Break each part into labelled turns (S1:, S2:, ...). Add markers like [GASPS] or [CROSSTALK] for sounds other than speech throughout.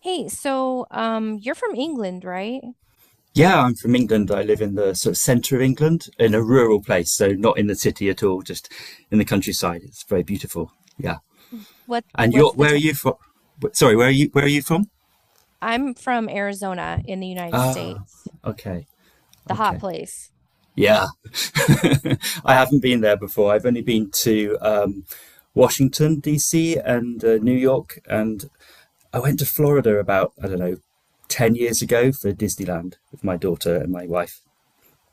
S1: Hey, you're from England, right?
S2: Yeah, I'm from England. I live in the sort of centre of England, in a rural place, so not in the city at all, just in the countryside. It's very beautiful. Yeah.
S1: What
S2: And you're,
S1: what's the
S2: where are
S1: t
S2: you from? Sorry, where are you? Where are you from?
S1: I'm from Arizona in the United States,
S2: Okay.
S1: the hot
S2: Okay.
S1: place.
S2: Yeah. [LAUGHS] I haven't been there before. I've only been to Washington, D.C., and New York, and I went to Florida about, I don't know, 10 years ago for Disneyland with my daughter and my wife.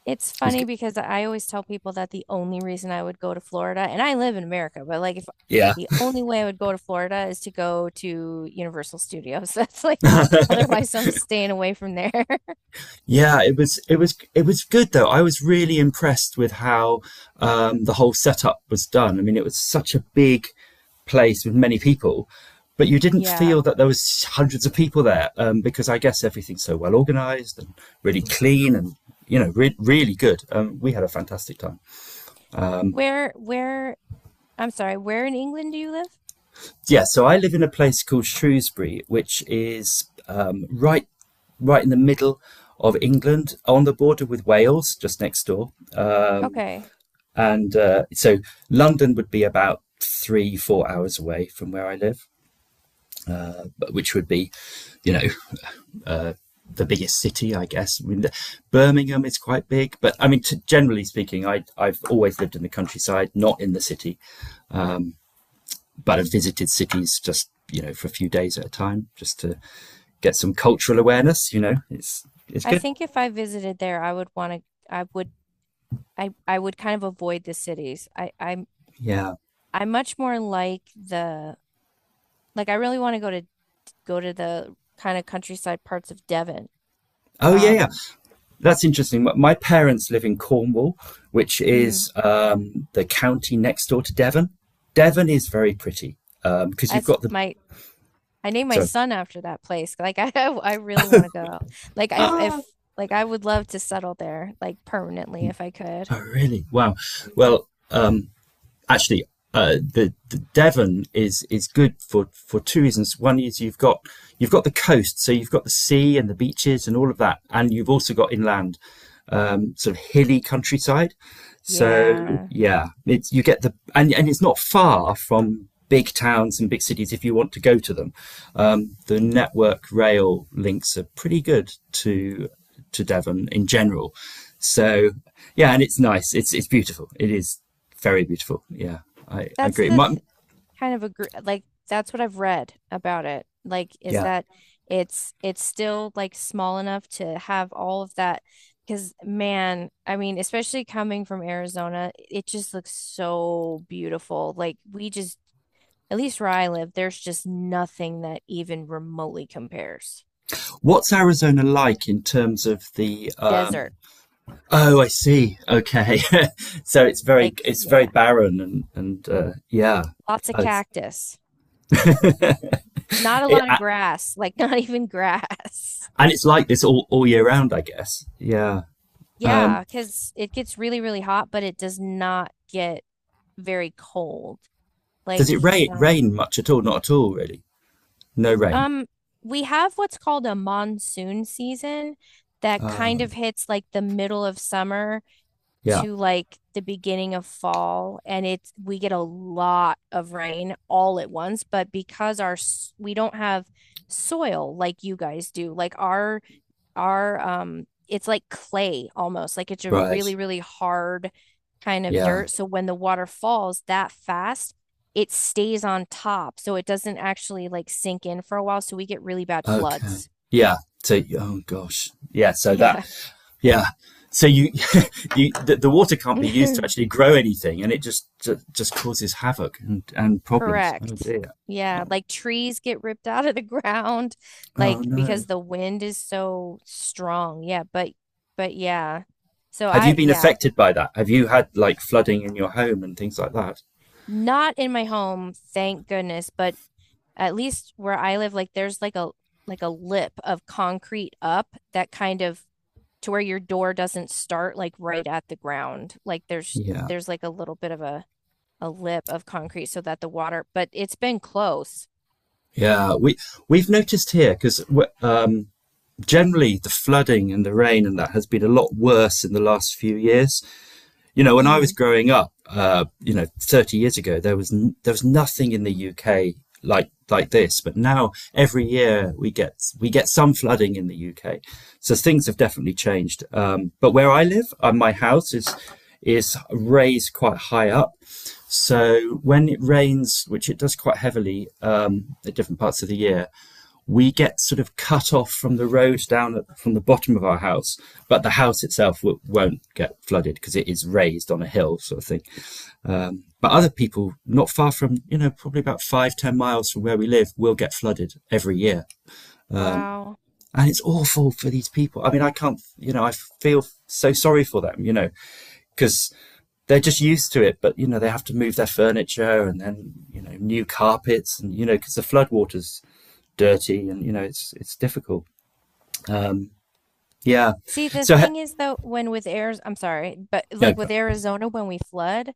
S1: It's
S2: It was
S1: funny
S2: good.
S1: because I always tell people that the only reason I would go to Florida, and I live in America, but like if
S2: Yeah.
S1: the only way I would go to Florida is to go to Universal Studios. [LAUGHS] That's like
S2: [LAUGHS]
S1: otherwise I'm staying away from there. [LAUGHS]
S2: Yeah, it was it was good though. I was really impressed with how the whole setup was done. I mean, it was such a big place with many people, but you didn't
S1: Yeah.
S2: feel that there was hundreds of people there because I guess everything's so well organized and really clean and really good. We had a fantastic time.
S1: Where I'm sorry, where in England do you live?
S2: Yeah, so I live in a place called Shrewsbury, which is right right in the middle of England on the border with Wales, just next door.
S1: Okay.
S2: And So London would be about three, 4 hours away from where I live, which would be, you know, the biggest city, I guess. I mean, Birmingham is quite big, but I mean, generally speaking, I've always lived in the countryside, not in the city, but I've visited cities just, you know, for a few days at a time just to get some cultural awareness, you know, it's
S1: I
S2: good.
S1: think if I visited there, I would I would kind of avoid the cities.
S2: Yeah.
S1: I'm much more like the like I really want to go to the kind of countryside parts of Devon.
S2: Oh yeah, yeah.
S1: Um,
S2: That's interesting. My- parents live in Cornwall, which
S1: mhm.
S2: is the county next door to Devon. Devon is very pretty because you've
S1: That's
S2: got the.
S1: my I named my
S2: So,
S1: son after that place. Like I [LAUGHS] I really want to go. Like if like I would love to settle there like permanently if I could.
S2: oh, really? Wow.
S1: Mhm.
S2: Well, actually, the Devon is good for two reasons. One is you've got the coast, so you've got the sea and the beaches and all of that, and you've also got inland, sort of hilly countryside. So
S1: Yeah.
S2: yeah, it's you get the and it's not far from big towns and big cities if you want to go to them. The network rail links are pretty good to Devon in general. So yeah, and it's nice. It's beautiful. It is very beautiful. Yeah, I
S1: That's
S2: agree.
S1: the th kind of agree like that's what I've read about it. Like is
S2: Yeah,
S1: that it's still like small enough to have all of that because man, I mean, especially coming from Arizona, it just looks so beautiful. Like we just at least where I live, there's just nothing that even remotely compares.
S2: what's Arizona like in terms of the?
S1: Desert.
S2: Oh, I see. Okay, [LAUGHS] so
S1: Like
S2: it's very
S1: yeah,
S2: barren and yeah.
S1: lots of
S2: I-
S1: cactus. Not a
S2: [LAUGHS]
S1: lot of
S2: It,
S1: grass, like [LAUGHS] not even grass. [LAUGHS]
S2: and it's like this all year round, I guess. Yeah. Um,
S1: Yeah, because it gets really, really hot, but it does not get very cold. Like,
S2: does it
S1: um,
S2: rain much at all? Not at all, really. No rain.
S1: um, we have what's called a monsoon season that kind
S2: Um,
S1: of hits like the middle of summer
S2: yeah.
S1: to like the beginning of fall, and it's we get a lot of rain all at once, but because we don't have soil like you guys do, like our it's like clay almost like it's a
S2: Right.
S1: really, really hard kind of
S2: Yeah.
S1: dirt, so when the water falls that fast, it stays on top, so it doesn't actually like sink in for a while, so we get really bad
S2: Okay.
S1: floods.
S2: Yeah. So, oh gosh. Yeah. So that,
S1: Yeah.
S2: yeah. So you, [LAUGHS] the water can't be used to
S1: [LAUGHS]
S2: actually grow anything and it just causes havoc and problems. Oh
S1: Correct.
S2: dear.
S1: Yeah,
S2: Oh,
S1: like trees get ripped out of the [LAUGHS] ground
S2: oh
S1: like
S2: no.
S1: because the wind is so strong, yeah, but yeah, so
S2: Have you
S1: I,
S2: been
S1: yeah,
S2: affected by that? Have you had like flooding in your home and things like that?
S1: not in my home, thank goodness, but at least where I live, like there's like a lip of concrete up that kind of to where your door doesn't start like right at the ground. Like there's
S2: Yeah.
S1: there's like a little bit of a lip of concrete so that the water, but it's been close.
S2: Yeah, we we've noticed here because um, generally the flooding and the rain and that has been a lot worse in the last few years. You know, when I was
S1: Hmm.
S2: growing up, you know, 30 years ago, there was there was nothing in the UK like this. But now every year we get some flooding in the UK, so things have definitely changed. But where I live, my house is raised quite high up, so when it rains, which it does quite heavily at different parts of the year, we get sort of cut off from the road from the bottom of our house, but the house itself won't get flooded because it is raised on a hill, sort of thing. But other people, not far from, you know, probably about five, 10 miles from where we live, will get flooded every year.
S1: Wow.
S2: And it's awful for these people. I mean, I can't, you know, I feel so sorry for them, you know, because they're just used to it, but, you know, they have to move their furniture and then, you know, new carpets and, you know, because the floodwater's dirty and, you know, it's difficult. Yeah.
S1: See, the
S2: So ha-
S1: thing is though, when with Arizona, I'm sorry, but
S2: no.
S1: like with
S2: go-
S1: Arizona, when we flood,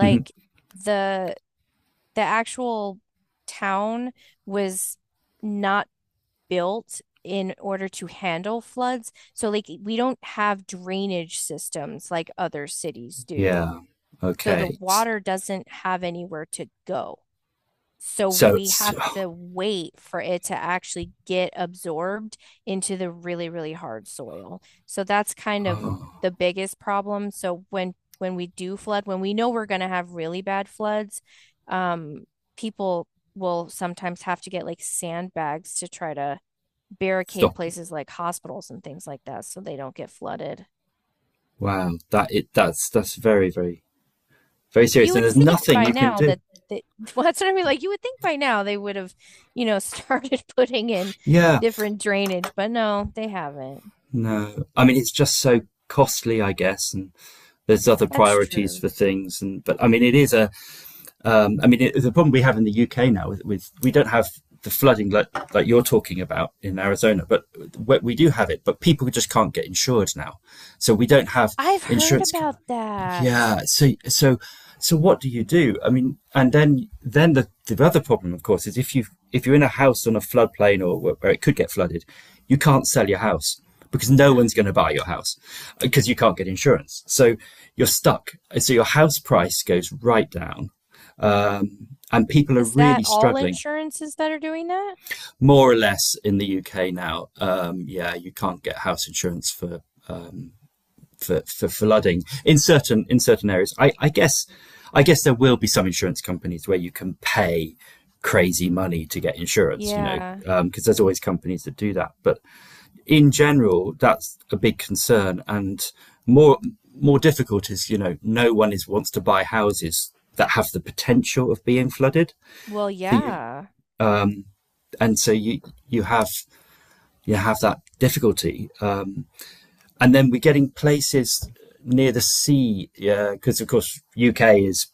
S2: Mhm.
S1: the the actual town was not built in order to handle floods. So, like, we don't have drainage systems like other cities do.
S2: Yeah.
S1: So, the
S2: Okay. S-
S1: water doesn't have anywhere to go. So,
S2: So,
S1: we
S2: s
S1: have to wait for it to actually get absorbed into the really, really hard soil. So, that's kind of
S2: Oh,
S1: the biggest problem. So, when we do flood, when we know we're going to have really bad floods, um, people will sometimes have to get like sandbags to try to barricade
S2: stop.
S1: places like hospitals and things like that so they don't get flooded.
S2: Wow. That it. That's very very very serious.
S1: You
S2: And
S1: would
S2: there's
S1: think
S2: nothing
S1: by
S2: you can
S1: now
S2: do.
S1: that they, [LAUGHS] well, that's what I mean. Like you would think by now they would have, you know, [LAUGHS] started putting in
S2: Yeah.
S1: different drainage, but no, they haven't.
S2: No. I mean, it's just so costly, I guess. And there's other
S1: That's
S2: priorities
S1: true.
S2: for things. And but I mean, it is a. I mean, the problem we have in the UK now with we don't have the flooding like you're talking about in Arizona, but we do have it. But people just can't get insured now, so we don't have
S1: I've heard
S2: insurance.
S1: about that.
S2: Yeah. So so what do you do? I mean, and then the other problem, of course, is if you if you're in a house on a floodplain where it could get flooded, you can't sell your house because no one's going
S1: [GASPS]
S2: to buy your house because you can't get insurance. So you're stuck. So your house price goes right down, and people are
S1: Is
S2: really
S1: that all
S2: struggling.
S1: insurances that are doing that?
S2: More or less in the UK now. Yeah, you can't get house insurance for for flooding in certain areas. I guess there will be some insurance companies where you can pay crazy money to get insurance, you know,
S1: Yeah.
S2: because there's always companies that do that. But in general, that's a big concern, and more more difficult is you know no one is wants to buy houses that have the potential of being flooded.
S1: Well,
S2: So you,
S1: yeah.
S2: and so you you have you have that difficulty. And then we're getting places near the sea because of course UK is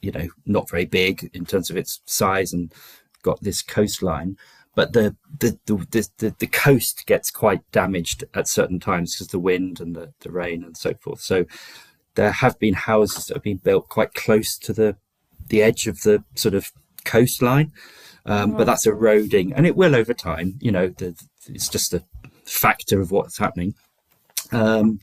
S2: you know not very big in terms of its size and got this coastline but the coast gets quite damaged at certain times because of the wind and the rain and so forth, so there have been houses that have been built quite close to the edge of the sort of coastline, but
S1: Oh,
S2: that's eroding and it will over time, you know the, it's just a factor of what's happening, um,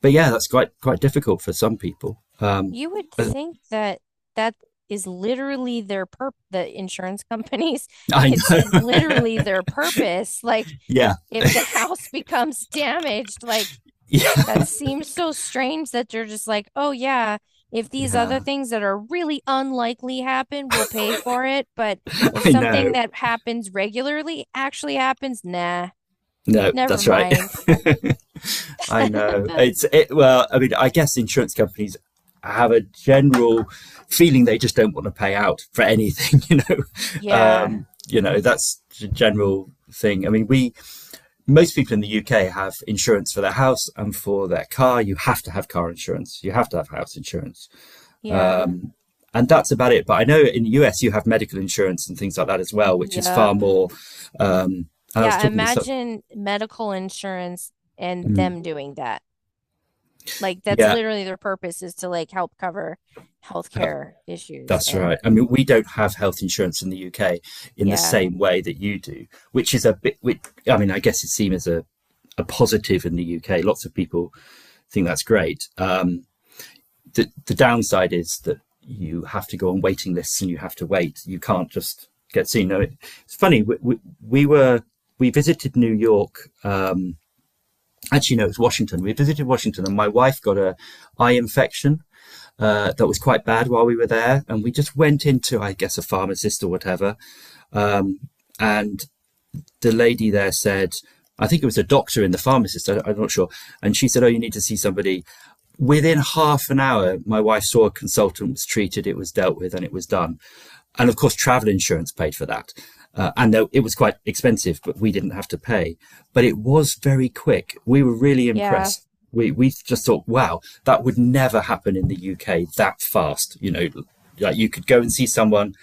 S2: but yeah, that's quite quite difficult for some people.
S1: you would think that that is literally their purp the insurance companies, [LAUGHS]
S2: I
S1: it's
S2: know. [LAUGHS]
S1: literally their purpose. Like
S2: Yeah,
S1: if the [LAUGHS] house becomes damaged, like
S2: yeah,
S1: that seems so strange that they're just like, "Oh yeah, if these
S2: yeah.
S1: other things that are really unlikely happen, we'll pay for it, but if
S2: I
S1: something
S2: know.
S1: that happens regularly actually happens, nah,
S2: No,
S1: never
S2: that's right.
S1: mind."
S2: [LAUGHS] I know.
S1: [LAUGHS]
S2: It's it. Well, I mean, I guess insurance companies have a general feeling they just don't want to pay out for anything. [LAUGHS]
S1: Yeah.
S2: You know that's the general thing. I mean, we most people in the UK have insurance for their house and for their car. You have to have car insurance. You have to have house insurance.
S1: Yeah.
S2: Um, and that's about it. But I know in the US you have medical insurance and things like that as well, which
S1: Yeah.
S2: is far
S1: Yep.
S2: more. Um, I was
S1: Yeah,
S2: talking to some.
S1: imagine medical insurance and
S2: Mm,
S1: them doing that. Like that's
S2: yeah,
S1: literally their purpose is to like help cover
S2: uh,
S1: healthcare issues.
S2: that's
S1: And
S2: right. I mean, we don't have health insurance in the UK in the
S1: yeah,
S2: same way that you do, which is a bit. Which, I mean, I guess it seems as a positive in the UK. Lots of people think that's great. The downside is that you have to go on waiting lists and you have to wait. You can't just get seen. No, it- It's funny. We were we visited New York. Actually no, it was Washington. We visited Washington and my wife got a eye infection that was quite bad while we were there, and we just went into I guess a pharmacist or whatever, and the lady there said, I think it was a doctor and the pharmacist, I'm not sure. And she said, oh, you need to see somebody. Within half an hour, my wife saw a consultant, was treated, it was dealt with, and it was done. And of course, travel insurance paid for that. And though it was quite expensive, but we didn't have to pay. But it was very quick. We were really
S1: yeah.
S2: impressed. We just thought, wow, that would never happen in the UK that fast. You know, like you could go and see someone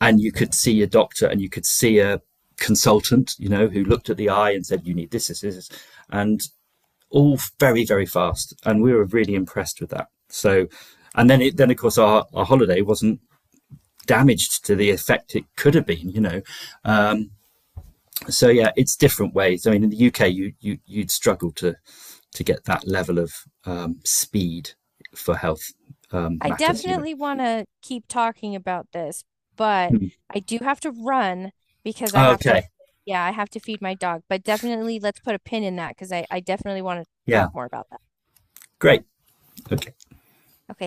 S2: and you could see a doctor and you could see a consultant, you know, who looked at the eye and said, you need this, and all very, very fast. And we were really impressed with that. So, and then it, then of course our holiday wasn't damaged to the effect it could have been, you know. So yeah, it's different ways. I mean, in the UK, you'd struggle to get that level of speed for health
S1: I
S2: matters, you know.
S1: definitely want to keep talking about this, but
S2: Mm.
S1: I do have to run because I have to,
S2: Okay.
S1: yeah, I have to feed my dog. But definitely let's put a pin in that because I definitely want to
S2: Yeah.
S1: talk more about that.
S2: Great. Okay.
S1: Okay.